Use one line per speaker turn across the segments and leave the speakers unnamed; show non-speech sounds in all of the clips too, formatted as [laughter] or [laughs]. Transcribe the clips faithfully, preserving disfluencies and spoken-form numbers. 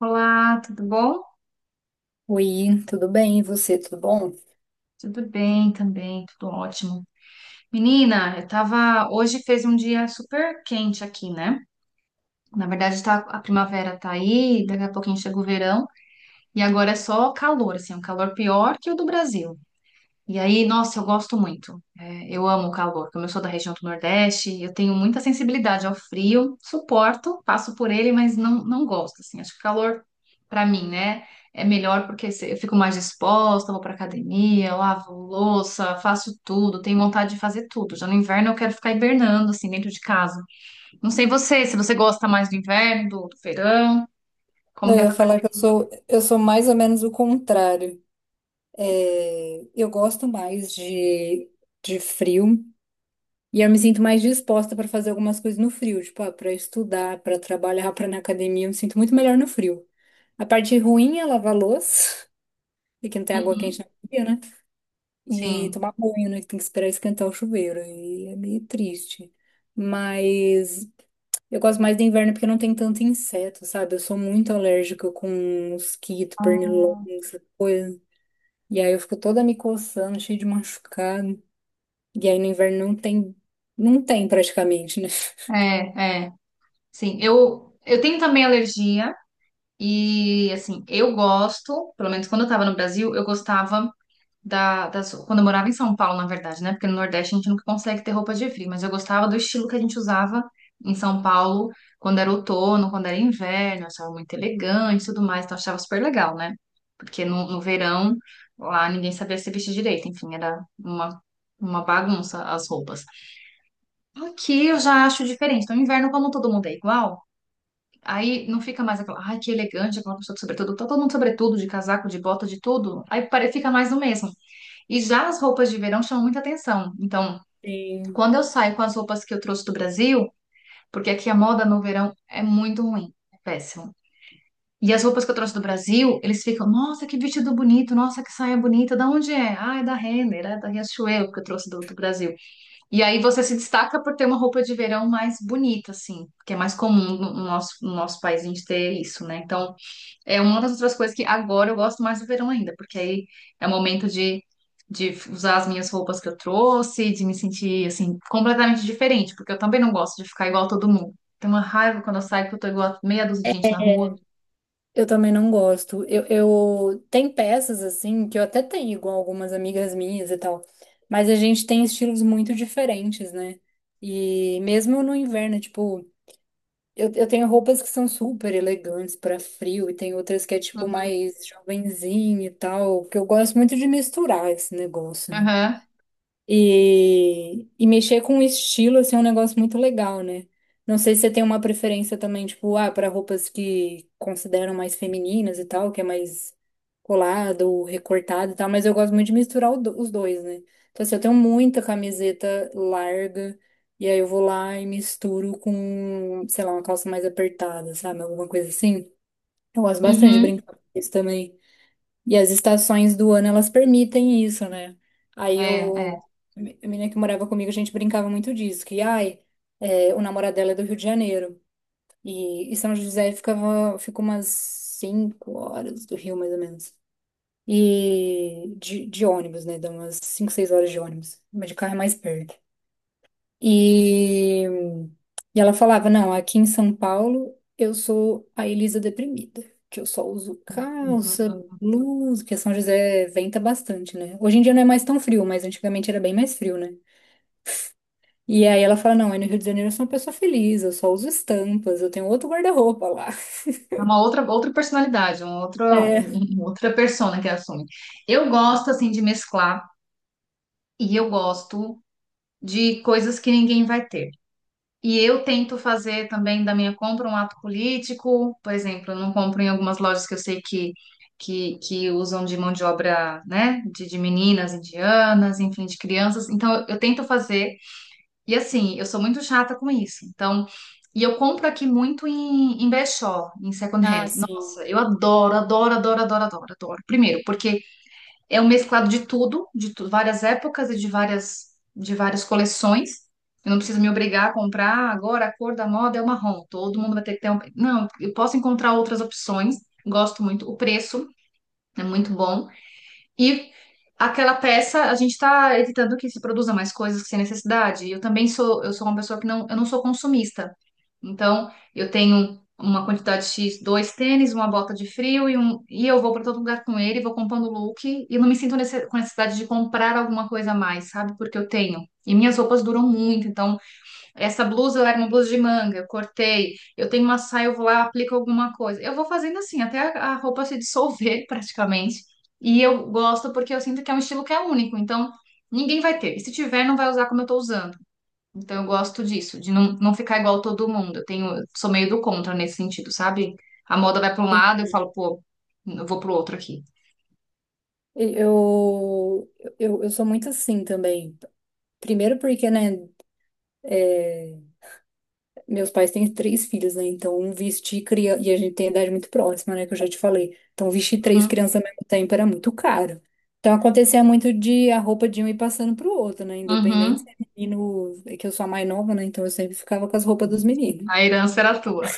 Olá, tudo bom?
Oi, tudo bem? E você, tudo bom?
Tudo bem também, tudo ótimo. Menina, eu tava. Hoje fez um dia super quente aqui, né? Na verdade, tá, a primavera tá aí, daqui a pouquinho chega o verão, e agora é só calor, assim, um calor pior que o do Brasil. E aí, nossa, eu gosto muito. É, eu amo o calor. Como eu sou da região do Nordeste, eu tenho muita sensibilidade ao frio, suporto, passo por ele, mas não, não gosto, assim. Acho que o calor, pra mim, né, é melhor porque se- eu fico mais disposta, vou pra academia, lavo louça, faço tudo, tenho vontade de fazer tudo. Já no inverno eu quero ficar hibernando, assim, dentro de casa. Não sei você, se você gosta mais do inverno, do, do verão, como
Eu
que é a
ia
tua preferência?
falar que eu sou, eu sou mais ou menos o contrário. É, eu gosto mais de, de frio e eu me sinto mais disposta para fazer algumas coisas no frio, tipo, ah, para estudar, para trabalhar, para ir na academia, eu me sinto muito melhor no frio. A parte ruim é lavar louça, [laughs] e que não tem água quente na academia, né? E
Sim.
tomar banho, né? Que tem que esperar esquentar o chuveiro. E é meio triste. Mas eu gosto mais do inverno porque não tem tanto inseto, sabe? Eu sou muito alérgica com mosquito, pernilongo,
Hum.
essa coisa. E aí eu fico toda me coçando, cheia de machucado. E aí no inverno não tem, não tem praticamente, né?
É, é. Sim, eu, eu tenho também alergia e, assim, eu gosto, pelo menos quando eu estava no Brasil, eu gostava da, das... quando eu morava em São Paulo, na verdade, né? Porque no Nordeste a gente nunca consegue ter roupa de frio, mas eu gostava do estilo que a gente usava em São Paulo quando era outono, quando era inverno, eu achava muito elegante e tudo mais, então eu achava super legal, né? Porque no, no verão, lá ninguém sabia se vestir direito, enfim, era uma, uma bagunça as roupas. Aqui eu já acho diferente. No inverno, como todo mundo é igual, aí não fica mais aquela, ai, que elegante, aquela pessoa de sobretudo. Tá todo mundo sobretudo, de casaco, de bota, de tudo. Aí pare- fica mais o mesmo. E já as roupas de verão chamam muita atenção. Então,
[laughs] Sim.
quando eu saio com as roupas que eu trouxe do Brasil, porque aqui a moda no verão é muito ruim, é péssimo. E as roupas que eu trouxe do Brasil, eles ficam, nossa, que vestido bonito, nossa, que saia bonita. Da onde é? Ah, é da Renner, é da Riachuelo que eu trouxe do, do Brasil. E aí você se destaca por ter uma roupa de verão mais bonita, assim, que é mais comum no no nosso, no nosso país a gente ter isso, né? Então, é uma das outras coisas que agora eu gosto mais do verão ainda, porque aí é o momento de, de usar as minhas roupas que eu trouxe, de me sentir, assim, completamente diferente, porque eu também não gosto de ficar igual a todo mundo. Tem uma raiva quando eu saio que eu tô igual a meia dúzia de gente na rua.
Eu também não gosto. Eu, eu tem peças assim que eu até tenho com algumas amigas minhas e tal, mas a gente tem estilos muito diferentes, né? E mesmo no inverno, tipo, eu, eu tenho roupas que são super elegantes pra frio e tem outras que é tipo
Uhum.
mais jovenzinho e tal, que eu gosto muito de misturar esse negócio, né?
Aham.
E, e mexer com o estilo, assim, é um negócio muito legal, né? Não sei se você tem uma preferência também, tipo, ah, para roupas que consideram mais femininas e tal, que é mais colado, recortado e tal, mas eu gosto muito de misturar o do- os dois, né? Então, assim, eu tenho muita camiseta larga, e aí eu vou lá e misturo com, sei lá, uma calça mais apertada, sabe? Alguma coisa assim. Eu gosto bastante de
Uhum.
brincar com isso também. E as estações do ano, elas permitem isso, né? Aí eu,
É,
a menina que morava comigo, a gente brincava muito disso, que, ai, é, o namorado dela é do Rio de Janeiro. E, e São José ficava, fica umas cinco horas do Rio, mais ou menos. E de, de ônibus, né? Dá umas cinco, seis horas de ônibus. Mas de carro é mais perto. E, e ela falava: Não, aqui em São Paulo eu sou a Elisa deprimida, que eu só uso calça,
é.
blusa, porque São José venta bastante, né? Hoje em dia não é mais tão frio, mas antigamente era bem mais frio, né? E aí ela fala: Não, aí no Rio de Janeiro eu sou uma pessoa feliz, eu só uso estampas, eu tenho outro guarda-roupa lá. [laughs]
É uma outra, outra personalidade, uma outra,
É.
uma outra persona que assume. Eu gosto, assim, de mesclar e eu gosto de coisas que ninguém vai ter. E eu tento fazer também da minha compra um ato político, por exemplo, eu não compro em algumas lojas que eu sei que, que, que usam de mão de obra, né, de, de meninas indianas, enfim, de crianças. Então, eu eu tento fazer e assim, eu sou muito chata com isso. Então, e eu compro aqui muito em, em brechó, em second
Ah,
hand.
sim.
Nossa, eu adoro, adoro, adoro, adoro, adoro, adoro. Primeiro, porque é um mesclado de tudo, de tu- várias épocas e de várias, de várias coleções. Eu não preciso me obrigar a comprar "Ah, agora a cor da moda é o marrom. Todo mundo vai ter que ter um. Não, eu posso encontrar outras opções. Gosto muito. O preço é muito bom. E aquela peça, a gente está evitando que se produza mais coisas sem necessidade. Eu também sou, eu sou uma pessoa que não, eu não sou consumista. Então, eu tenho uma quantidade X, dois tênis, uma bota de frio e um, e eu vou para todo lugar com ele, vou comprando look e não me sinto nesse- com necessidade de comprar alguma coisa a mais, sabe? Porque eu tenho. E minhas roupas duram muito, então essa blusa, ela era uma blusa de manga, eu cortei. Eu tenho uma saia, eu vou lá, aplico alguma coisa. Eu vou fazendo assim, até a, a roupa se dissolver [laughs] praticamente. E eu gosto porque eu sinto que é um estilo que é único. Então, ninguém vai ter. E se tiver, não vai usar como eu tô usando. Então, eu gosto disso, de não, não ficar igual todo mundo. Eu tenho, eu sou meio do contra nesse sentido, sabe? A moda vai para um lado, eu
sim.
falo, pô, eu vou pro outro aqui.
Eu, eu, eu sou muito assim também. Primeiro porque, né? é, Meus pais têm três filhos, né? Então, um vestir criança. E a gente tem idade muito próxima, né? Que eu já te falei. Então, vestir três
Uhum.
crianças ao mesmo tempo era muito caro. Então, acontecia muito de a roupa de um ir passando pro outro, né? Independente
Uhum.
se é menino. É que eu sou a mais nova, né? Então, eu sempre ficava com as roupas dos meninos.
A herança era tua.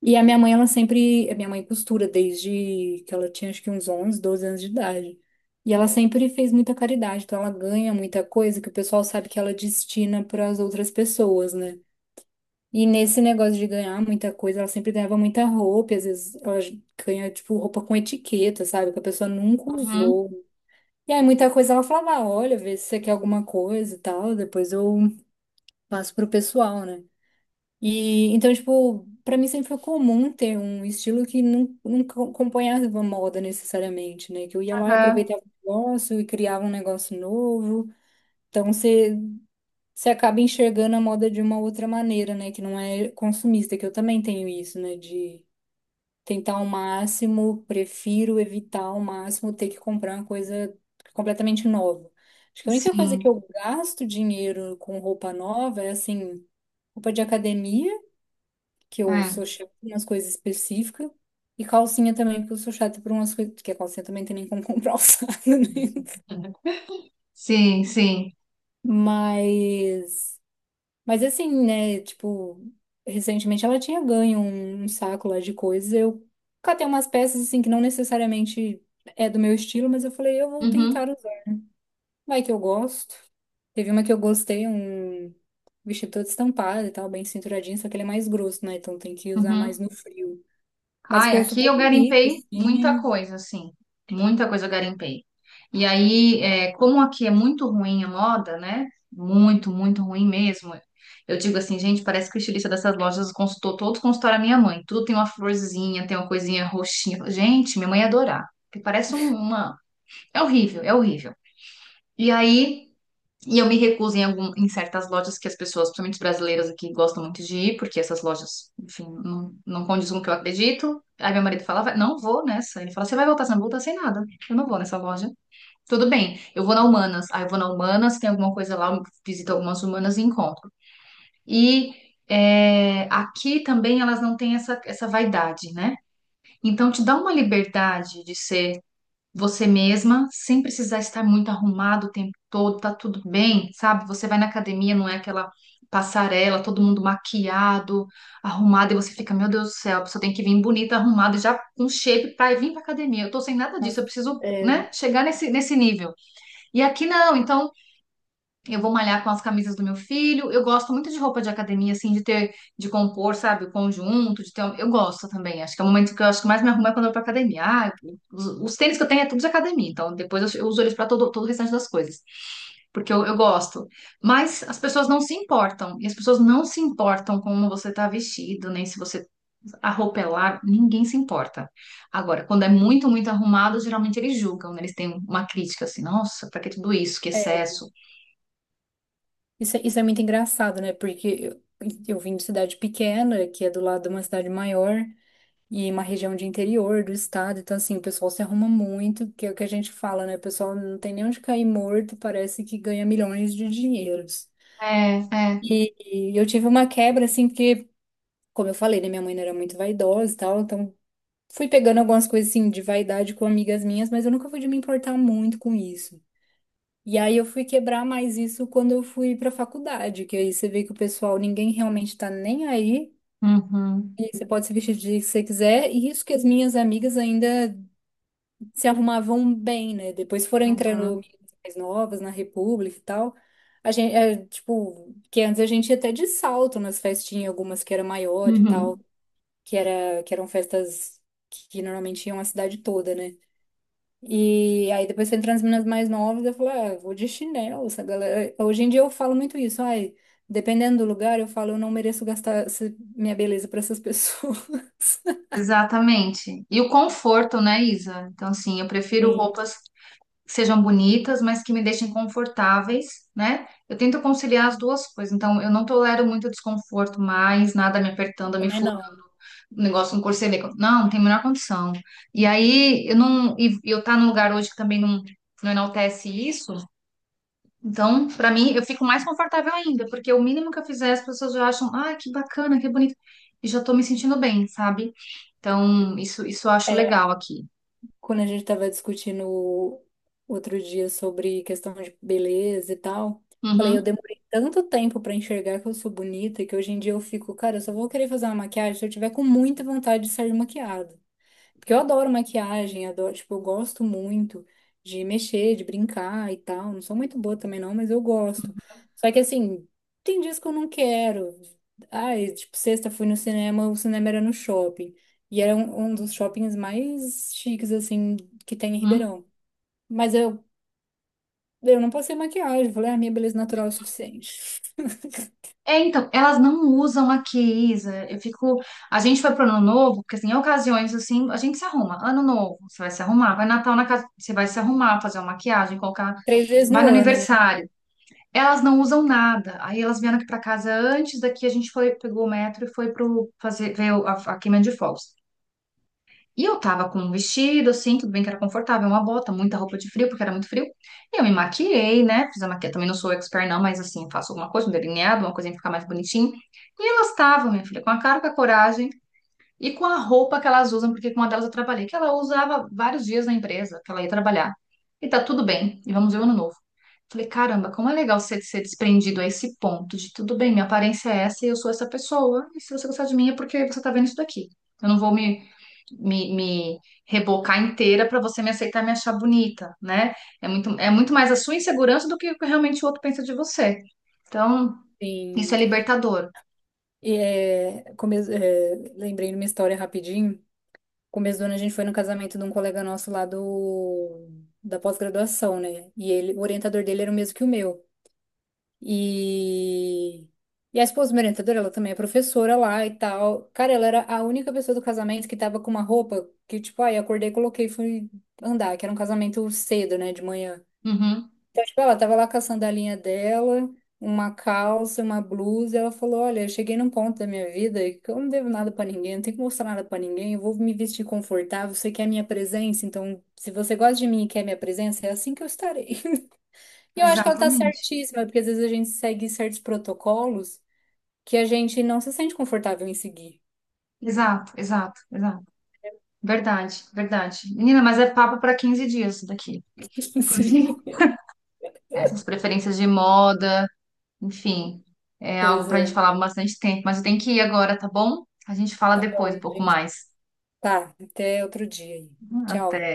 E a minha mãe, ela sempre. A minha mãe costura desde que ela tinha, acho que uns onze doze anos de idade. E ela sempre fez muita caridade. Então, ela ganha muita coisa que o pessoal sabe que ela destina para as outras pessoas, né? E nesse negócio de ganhar muita coisa, ela sempre ganhava muita roupa, e às vezes ela ganha, tipo, roupa com etiqueta, sabe? Que a pessoa nunca
Uhum.
usou. E aí muita coisa ela falava, "Ah, olha, vê se você quer alguma coisa e tal, depois eu passo pro pessoal, né? E então, tipo, pra mim sempre foi comum ter um estilo que não, não co- acompanhava a moda necessariamente, né? Que eu ia lá e
Aham.
aproveitava o negócio e criava um negócio novo. Então, você você acaba enxergando a moda de uma outra maneira, né? Que não é consumista, que eu também tenho isso, né? De tentar ao máximo, prefiro evitar ao máximo ter que comprar uma coisa completamente nova. Acho que a única coisa
Sim.
que eu gasto dinheiro com roupa nova é assim, roupa de academia, que eu
É.
sou chata em umas coisas específicas, e calcinha também, porque eu sou chata por umas coisas, porque a calcinha também tem nem como comprar [laughs] alçada, né?
Sim, sim.
Mas. Mas assim, né, tipo, recentemente ela tinha ganho um, um saco lá de coisas. Eu catei umas peças assim que não necessariamente é do meu estilo, mas eu falei, eu vou tentar
Uhum.
usar. Vai que eu gosto. Teve uma que eu gostei, um vestido todo estampado e tal, bem cinturadinho, só que ele é mais grosso, né? Então tem que usar mais
Uhum.
no frio. Mas
Ai,
ficou
aqui
super
eu
bonito,
garimpei muita
assim.
coisa, assim. Muita coisa eu garimpei. E aí, é, como aqui é muito ruim a moda, né? Muito, muito ruim mesmo. Eu digo assim, gente, parece que o estilista dessas lojas consultou, todos consultaram a minha mãe. Tudo tem uma florzinha, tem uma coisinha roxinha. Gente, minha mãe ia adorar. Porque parece um- uma. É horrível, é horrível. E aí. E eu me recuso em, algum, em certas lojas que as pessoas, principalmente os brasileiros aqui, gostam muito de ir, porque essas lojas, enfim, não, não condiz com o que eu acredito. Aí meu marido falava não vou nessa. Ele fala, você vai voltar sem voltar sem nada. Eu não vou nessa loja. Tudo bem, eu vou na Humanas. Aí eu vou na Humanas, tem alguma coisa lá, eu visito algumas Humanas e encontro. E é, aqui também elas não têm essa, essa vaidade, né? Então te dá uma liberdade de ser você mesma, sem precisar estar muito arrumado o tempo todo, tá tudo bem, sabe? Você vai na academia, não é aquela passarela, todo mundo maquiado, arrumado, e você fica, meu Deus do céu, a pessoa tem que vir bonita, arrumada, já com shape para vir pra academia. Eu tô sem nada
Mas,
disso, eu preciso,
é,
né, chegar nesse, nesse nível. E aqui não, então eu vou malhar com as camisas do meu filho. Eu gosto muito de roupa de academia, assim, de ter, de compor, sabe, o conjunto, de ter. um- Eu gosto também. Acho que é o momento que eu acho que mais me arrumo é quando eu vou pra academia. Ah, os, os tênis que eu tenho é tudo de academia, então depois eu, eu uso eles pra todo, todo o restante das coisas. Porque eu, eu gosto. Mas as pessoas não se importam. E as pessoas não se importam como você tá vestido, nem se você. A roupa é larga, ninguém se importa. Agora, quando é muito, muito arrumado, geralmente eles julgam, né? Eles têm uma crítica assim, nossa, pra que tudo isso? Que
é,
excesso.
isso, é- isso é muito engraçado, né? Porque eu, eu vim de cidade pequena, que é do lado de uma cidade maior. E uma região de interior do estado, então assim, o pessoal se arruma muito, que é o que a gente fala, né? O pessoal não tem nem onde cair morto, parece que ganha milhões de dinheiros.
É, é.
E, e eu tive uma quebra, assim, porque, como eu falei, né, minha mãe não era muito vaidosa e tal, então fui pegando algumas coisas, assim, de vaidade com amigas minhas, mas eu nunca fui de me importar muito com isso. E aí eu fui quebrar mais isso quando eu fui pra faculdade, que aí você vê que o pessoal, ninguém realmente tá nem aí,
Uhum.
e você pode se vestir de que você quiser, e isso que as minhas amigas ainda se arrumavam bem, né? Depois foram entrando
Uhum.
meninas mais novas na República e tal. A gente, é, tipo, que antes a gente ia até de salto nas festinhas, algumas que era maior e tal,
Uhum.
que era, que eram festas que, que normalmente iam a cidade toda, né? E aí depois foi entrando as meninas mais novas, eu falei, ah, eu vou de chinelo, essa galera. Hoje em dia eu falo muito isso, ai, dependendo do lugar, eu falo, eu não mereço gastar essa- minha beleza para essas pessoas. [laughs]
Exatamente. E o conforto, né, Isa? Então, assim, eu prefiro
Sim,
roupas que sejam bonitas, mas que me deixem confortáveis, né? Eu tento conciliar as duas coisas. Então, eu não tolero muito desconforto mais, nada me apertando, me
também
fu...
não.
o negócio no corcelê. Não, não tem a menor condição. E aí, eu não... e eu tá num lugar hoje que também não, não enaltece isso. Então, para mim, eu fico mais confortável ainda, porque o mínimo que eu fizer, as pessoas já acham, ah, que bacana, que bonito, e já tô me sentindo bem, sabe? Então, isso, isso eu acho
É,
legal aqui.
quando a gente estava discutindo outro dia sobre questão de beleza e tal, falei, eu
Uhum.
demorei tanto tempo para enxergar que eu sou bonita que hoje em dia eu fico, cara, eu só vou querer fazer uma maquiagem se eu tiver com muita vontade de sair maquiada. Porque eu adoro maquiagem, adoro, tipo, eu gosto muito de mexer, de brincar e tal. Não sou muito boa também não, mas eu gosto. Só que assim, tem dias que eu não quero. Ai, tipo, sexta fui no cinema, o cinema era no shopping. E era um, um dos shoppings mais chiques, assim, que tem em
Uhum.
Ribeirão. Mas eu, eu não passei maquiagem, falei, a minha beleza natural é o suficiente.
É, então, elas não usam aqui, Isa. Eu fico. A gente foi pro Ano Novo, porque assim, em ocasiões assim, a gente se arruma. Ano Novo, você vai se arrumar. Vai Natal na casa, você vai se arrumar, fazer uma maquiagem, colocar.
Três vezes
Vai
no
no
ano, né?
aniversário. Elas não usam nada. Aí elas vieram aqui para casa antes, daqui a gente foi, pegou o metro e foi pro fazer ver o- a, a queima de fogos. E eu tava com um vestido, assim, tudo bem que era confortável, uma bota, muita roupa de frio, porque era muito frio. E eu me maquiei, né? Fiz a maquiagem, também não sou expert não, mas assim, faço alguma coisa, um delineado, uma coisinha pra ficar mais bonitinho. E elas estavam, minha filha, com a cara, com a coragem. E com a roupa que elas usam, porque com uma delas eu trabalhei, que ela usava vários dias na empresa, que ela ia trabalhar. E tá tudo bem, e vamos ver o ano novo. Falei, caramba, como é legal ser, ser desprendido a esse ponto de tudo bem, minha aparência é essa e eu sou essa pessoa. E se você gostar de mim é porque você tá vendo isso daqui. Eu não vou me, me, me rebocar inteira pra você me aceitar e me achar bonita, né? É muito, é muito mais a sua insegurança do que o que realmente o outro pensa de você. Então, isso
Sim.
é libertador.
E é, come- é, lembrei de uma história rapidinho. Começo do ano a gente foi no casamento de um colega nosso lá do, da pós-graduação, né? E ele, o orientador dele era o mesmo que o meu. E, e a esposa do meu orientador, ela também é professora lá e tal. Cara, ela era a única pessoa do casamento que tava com uma roupa que, tipo, ai, acordei, coloquei, e fui andar, que era um casamento cedo, né, de manhã.
Uhum,
Então, tipo, ela tava lá com a sandalinha dela, uma calça, uma blusa, e ela falou: Olha, eu cheguei num ponto da minha vida que eu não devo nada pra ninguém, não tenho que mostrar nada pra ninguém, eu vou me vestir confortável, você quer minha presença, então se você gosta de mim e quer minha presença, é assim que eu estarei. [laughs] E eu acho que ela tá
exatamente.
certíssima, porque às vezes a gente segue certos protocolos que a gente não se sente confortável em seguir.
Exato, exato, exato. Verdade, verdade. Menina, mas é papo para quinze dias isso daqui.
[laughs]
Porque
Sim.
[laughs] essas preferências de moda, enfim, é algo
Pois
para a
é,
gente falar bastante tempo. Mas eu tenho que ir agora, tá bom? A gente fala
tá
depois
bom,
um pouco
gente.
mais.
Tá, até outro dia aí. Tchau.
Até.